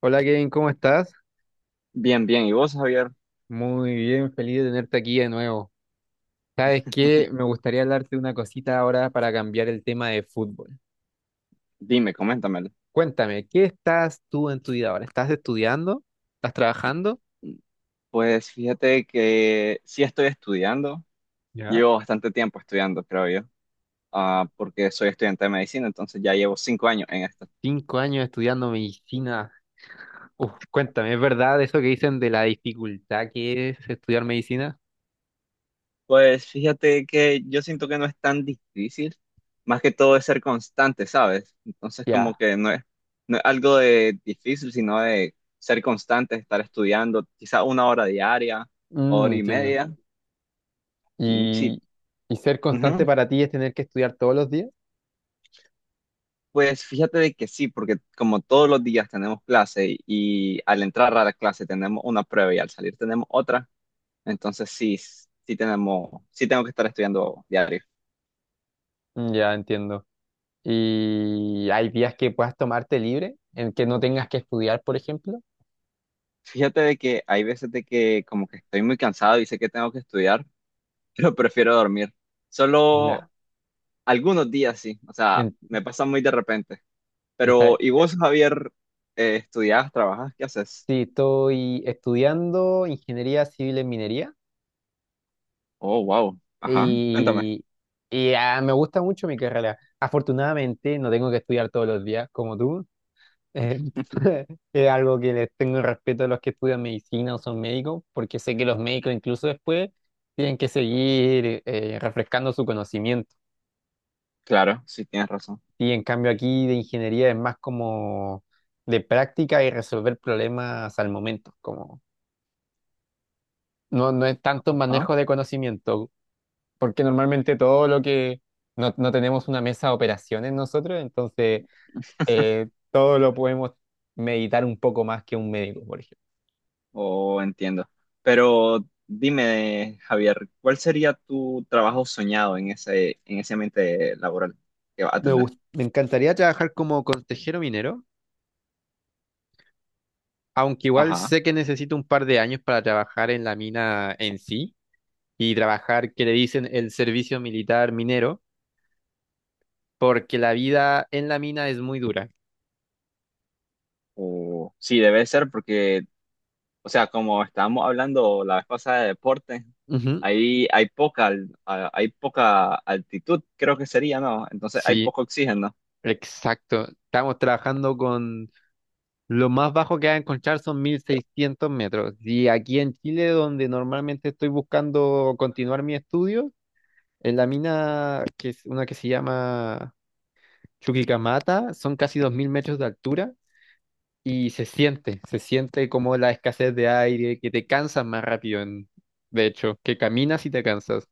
Hola Kevin, ¿cómo estás? Bien, bien. ¿Y vos, Javier? Muy bien, feliz de tenerte aquí de nuevo. ¿Sabes qué? Me gustaría hablarte de una cosita ahora para cambiar el tema de fútbol. Dime, coméntamelo. Cuéntame, ¿qué estás tú en tu vida ahora? ¿Estás estudiando? ¿Estás trabajando? Pues fíjate que sí estoy estudiando. ¿Ya? Llevo bastante tiempo estudiando, creo yo, porque soy estudiante de medicina, entonces ya llevo 5 años en esto. 5 años estudiando medicina. Uf, cuéntame, ¿es verdad eso que dicen de la dificultad que es estudiar medicina? Pues fíjate que yo siento que no es tan difícil, más que todo es ser constante, ¿sabes? Entonces como Ya. que no es algo de difícil, sino de ser constante, estar estudiando quizá una hora diaria, hora y Entiendo. media. Mm, sí. ¿Y, y ser constante para ti es tener que estudiar todos los días? Pues fíjate de que sí, porque como todos los días tenemos clase y al entrar a la clase tenemos una prueba y al salir tenemos otra, entonces sí, sí tengo que estar estudiando diario. Mm, ya, entiendo. Y hay días que puedas tomarte libre, en que no tengas que estudiar, por ejemplo. Fíjate de que hay veces de que como que estoy muy cansado y sé que tengo que estudiar, pero prefiero dormir. Solo Ya. algunos días sí, o sea, En- me pasa muy de repente. Pero, está, ¿y vos, Javier, estudiás, trabajas, qué haces? sí, estoy estudiando ingeniería civil en minería, Oh, wow, ajá, cuéntame. y, y me gusta mucho mi carrera. Afortunadamente no tengo que estudiar todos los días como tú. Eh, es algo que les tengo respeto a los que estudian medicina o son médicos, porque sé que los médicos incluso después tienen que seguir refrescando su conocimiento. Claro, sí tienes razón. Y en cambio aquí de ingeniería es más como de práctica y resolver problemas al momento, como no es tanto Ajá. manejo de conocimiento, porque normalmente todo lo que no tenemos una mesa de operaciones nosotros, entonces todo lo podemos meditar un poco más que un médico, por ejemplo. Oh, entiendo. Pero dime, Javier, ¿cuál sería tu trabajo soñado en ese ambiente laboral que vas a tener? Me encantaría trabajar como consejero minero, aunque igual Ajá. sé que necesito un par de años para trabajar en la mina en sí y trabajar, que le dicen, el servicio militar minero porque la vida en la mina es muy dura. O sí, debe ser porque, o sea, como estábamos hablando la vez pasada de deporte, Ujú. ahí hay poca altitud, creo que sería, ¿no? Entonces hay Sí, poco oxígeno. exacto. Estamos trabajando con lo más bajo que va a encontrar son 1.600 metros. Y aquí en Chile, donde normalmente estoy buscando continuar mi estudio, en la mina, que es una que se llama Chuquicamata, son casi 2.000 metros de altura y se siente como la escasez de aire, que te cansas más rápido, de hecho, que caminas y te cansas.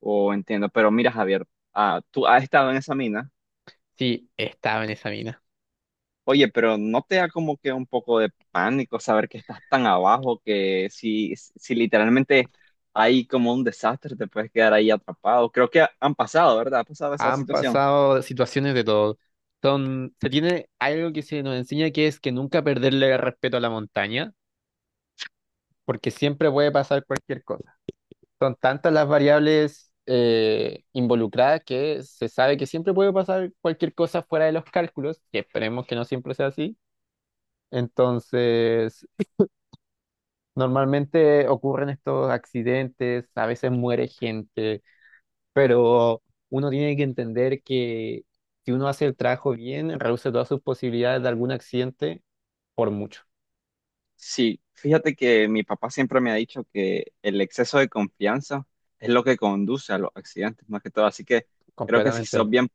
O entiendo. Pero mira, Javier, tú has estado en esa mina. Sí, estaba en esa mina. Oye, pero ¿no te da como que un poco de pánico saber que estás tan abajo que si literalmente hay como un desastre, te puedes quedar ahí atrapado? Creo que han pasado, ¿verdad? Ha pasado esa Han situación. pasado situaciones de todo. Se tiene algo que se nos enseña, que es que nunca perderle el respeto a la montaña, porque siempre puede pasar cualquier cosa. Son tantas las variables involucradas, que se sabe que siempre puede pasar cualquier cosa fuera de los cálculos, que esperemos que no siempre sea así. Entonces, normalmente ocurren estos accidentes, a veces muere gente, pero uno tiene que entender que si uno hace el trabajo bien, reduce todas sus posibilidades de algún accidente por mucho, Sí, fíjate que mi papá siempre me ha dicho que el exceso de confianza es lo que conduce a los accidentes, más que todo. Así que creo que si completamente. sos bien,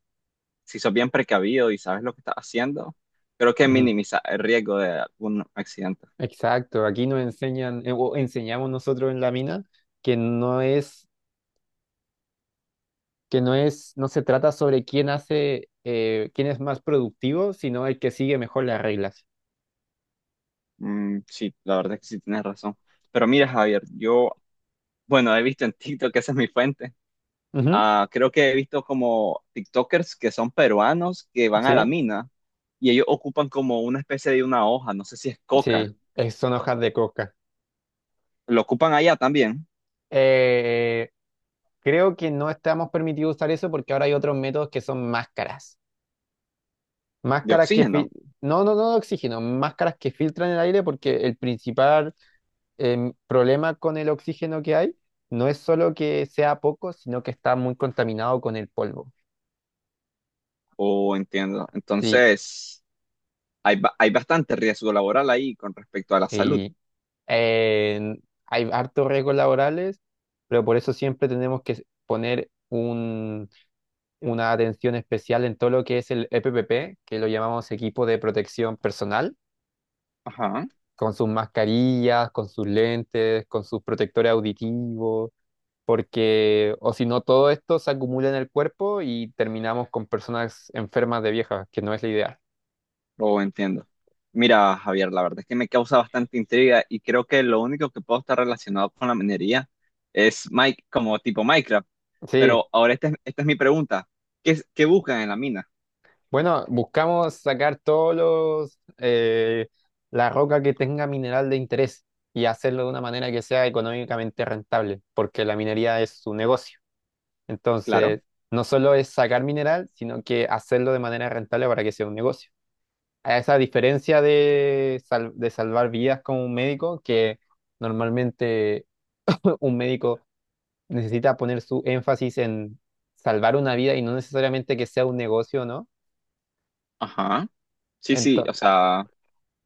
si sos bien precavido y sabes lo que estás haciendo, creo que Ujú. minimiza el riesgo de algún accidente. Exacto, aquí nos enseñan, o enseñamos nosotros en la mina, que no es, que no es, no se trata sobre quién hace, quién es más productivo, sino el que sigue mejor las reglas. Mm, sí, la verdad es que sí tienes razón. Pero mira, Javier, yo Bueno, he visto en TikTok, que esa es mi fuente. Ujú. Ah, creo que he visto como TikTokers que son peruanos que van a la Sí, mina y ellos ocupan como una especie de una hoja, no sé si es coca. sí, son hojas de coca. Lo ocupan allá también. Eh, Creo que no estamos permitidos usar eso porque ahora hay otros métodos, que son máscaras. De Máscaras que oxígeno. No, no, no de oxígeno, máscaras que filtran el aire, porque el principal problema con el oxígeno que hay no es solo que sea poco, sino que está muy contaminado con el polvo. O, entiendo. Sí, Entonces, hay bastante riesgo laboral ahí con respecto a la salud. sí. eh, Hay hartos riesgos laborales, pero por eso siempre tenemos que poner una atención especial en todo lo que es el EPPP, que lo llamamos equipo de protección personal, Ajá. con sus mascarillas, con sus lentes, con sus protectores auditivos, porque o si no todo esto se acumula en el cuerpo y terminamos con personas enfermas de viejas, que no es la idea. Lo entiendo. Mira, Javier, la verdad es que me causa bastante intriga y creo que lo único que puedo estar relacionado con la minería es Mike, como tipo Minecraft. Sí, Pero ahora esta es mi pregunta. ¿Qué buscan en la mina? bueno, buscamos sacar todos los, la roca que tenga mineral de interés y hacerlo de una manera que sea económicamente rentable, porque la minería es su negocio. Claro. Entonces, no solo es sacar mineral, sino que hacerlo de manera rentable para que sea un negocio. A esa diferencia de salvar vidas como un médico, que normalmente un médico necesita poner su énfasis en salvar una vida y no necesariamente que sea un negocio, ¿no? Ajá. Sí, sí, o Entonces, sea,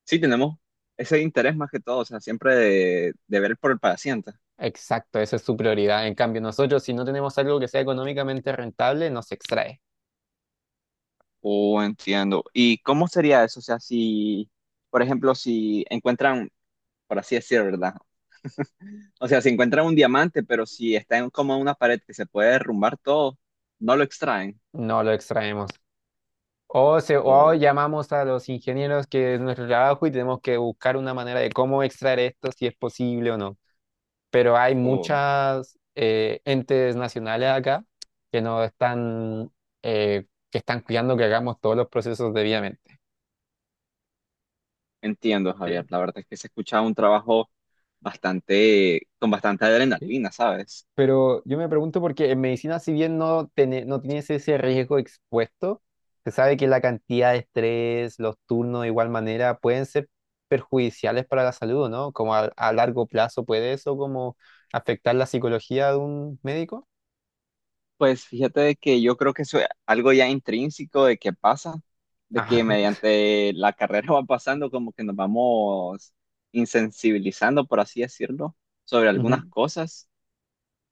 sí tenemos ese interés más que todo, o sea, siempre de ver por el paciente. exacto, esa es su prioridad. En cambio, nosotros, si no tenemos algo que sea económicamente rentable, no se extrae. Oh, entiendo. ¿Y cómo sería eso? O sea, por ejemplo, si encuentran, por así decir, ¿verdad? O sea, si encuentran un diamante, pero si está en como una pared que se puede derrumbar todo, no lo extraen. No lo extraemos. O O, llamamos a los ingenieros, que es nuestro trabajo, y tenemos que buscar una manera de cómo extraer esto, si es posible o no. Pero hay o, muchas entes nacionales acá que nos están, que están cuidando que hagamos todos los procesos debidamente. entiendo, Javier. Sí. La verdad es que se escucha un trabajo con bastante Sí, adrenalina, ¿sabes? pero yo me pregunto, porque en medicina, si bien no, no tienes ese riesgo expuesto, se sabe que la cantidad de estrés, los turnos, de igual manera pueden ser perjudiciales para la salud, ¿no? Como a largo plazo puede eso como afectar la psicología de un médico. Pues fíjate de que yo creo que eso es algo ya intrínseco de que pasa, de que Ah. mediante la carrera va pasando como que nos vamos insensibilizando, por así decirlo, sobre algunas Ujú. cosas.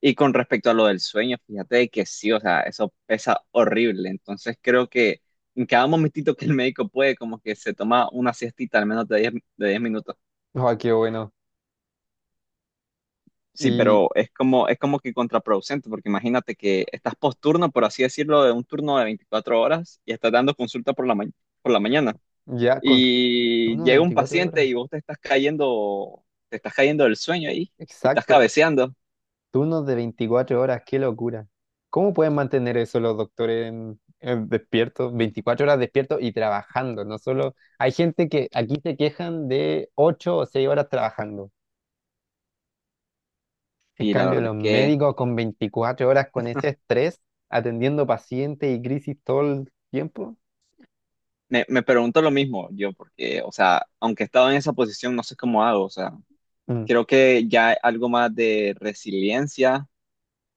Y con respecto a lo del sueño, fíjate de que sí, o sea, eso pesa horrible. Entonces creo que en cada momentito que el médico puede, como que se toma una siestita al menos de 10 minutos. Ah, qué bueno. Sí, Y pero es como que contraproducente, porque imagínate que estás posturno, por así decirlo, de un turno de 24 horas y estás dando consulta por la mañana. ya con Y turnos de llega un 24 paciente horas. y vos te estás cayendo del sueño ahí y estás Exacto. cabeceando. Turnos de 24 horas, qué locura. ¿Cómo pueden mantener eso los doctores en despiertos, 24 horas despiertos y trabajando? No solo hay gente que aquí se quejan de 8 o 6 horas trabajando. En Y la cambio, verdad es los que médicos con 24 horas con ese estrés, atendiendo pacientes y crisis todo el tiempo. me pregunto lo mismo yo, porque, o sea, aunque he estado en esa posición, no sé cómo hago, o sea, Mm, creo que ya algo más de resiliencia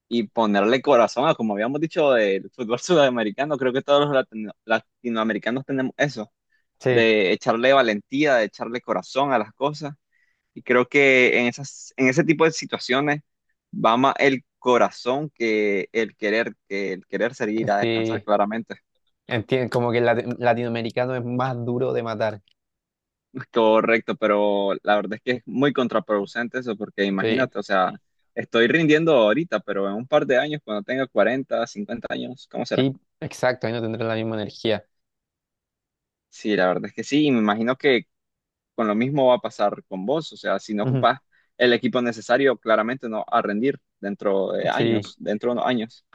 y ponerle corazón a, como habíamos dicho, del fútbol sudamericano. Creo que todos los latinoamericanos tenemos eso, sí, de echarle valentía, de echarle corazón a las cosas. Y creo que en ese tipo de situaciones va más el corazón que el querer salir a descansar, sí, claramente. entiendo, como que el latinoamericano es más duro de matar. Correcto, pero la verdad es que es muy contraproducente eso, porque Sí, imagínate, o sea, estoy rindiendo ahorita, pero en un par de años, cuando tenga 40 50 años, ¿cómo será? sí, exacto, ahí no tendrán la misma energía. Sí, la verdad es que sí, y me imagino que con lo mismo va a pasar con vos, o sea, si no Ujú. ocupas el equipo necesario, claramente no a rendir Sí. Dentro de unos años.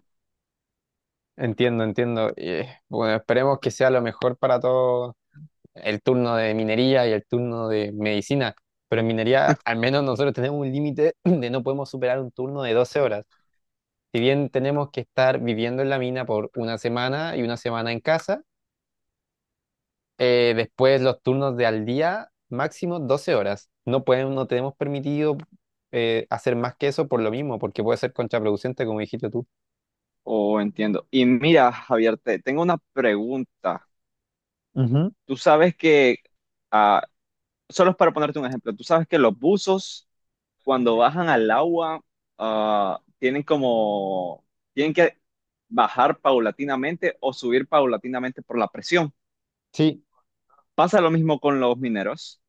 Entiendo, entiendo. Y, bueno, esperemos que sea lo mejor para todos, el turno de minería y el turno de medicina. Pero en minería, al menos nosotros tenemos un límite de, no podemos superar un turno de 12 horas. Si bien tenemos que estar viviendo en la mina por una semana y una semana en casa, después los turnos de al día, máximo 12 horas. No pueden, no tenemos permitido hacer más que eso por lo mismo, porque puede ser contraproducente, como dijiste tú. Oh, entiendo. Y mira, Javier, te tengo una pregunta. Ujú. Tú sabes que, ah, solo es para ponerte un ejemplo, tú sabes que los buzos cuando bajan al agua ah, tienen como, tienen que bajar paulatinamente o subir paulatinamente por la presión. Sí. ¿Pasa lo mismo con los mineros?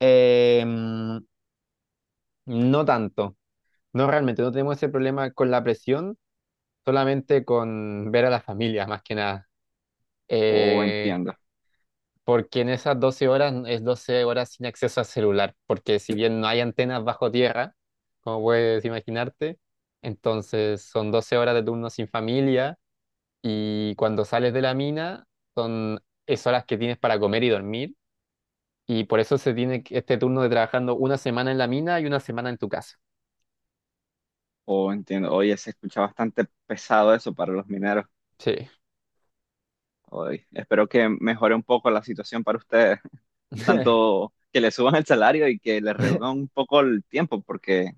Em, no tanto. No, realmente no tenemos ese problema con la presión, solamente con ver a la familia, más que nada. O, Eh, entiendo. Porque en esas 12 horas es 12 horas sin acceso a celular, porque si bien no hay antenas bajo tierra, como puedes imaginarte, entonces son 12 horas de turno sin familia, y cuando sales de la mina son es horas que tienes para comer y dormir, y por eso se tiene este turno de trabajando una semana en la mina y una semana en tu casa. Oh, entiendo. Oye, se escucha bastante pesado eso para los mineros. Sí. Oye, espero que mejore un poco la situación para ustedes, tanto que le suban el salario y que le reduzcan un poco el tiempo, porque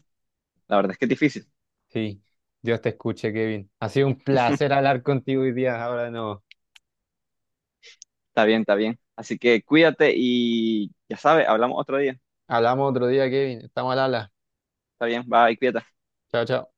la verdad es que es difícil. Sí, Dios te escuche, Kevin. Ha sido un placer hablar contigo hoy día. Ahora no. Está bien, está bien. Así que cuídate y ya sabes, hablamos otro día. Hablamos otro día, Kevin. Estamos al habla. Está bien, bye, cuídate. Chao, chao.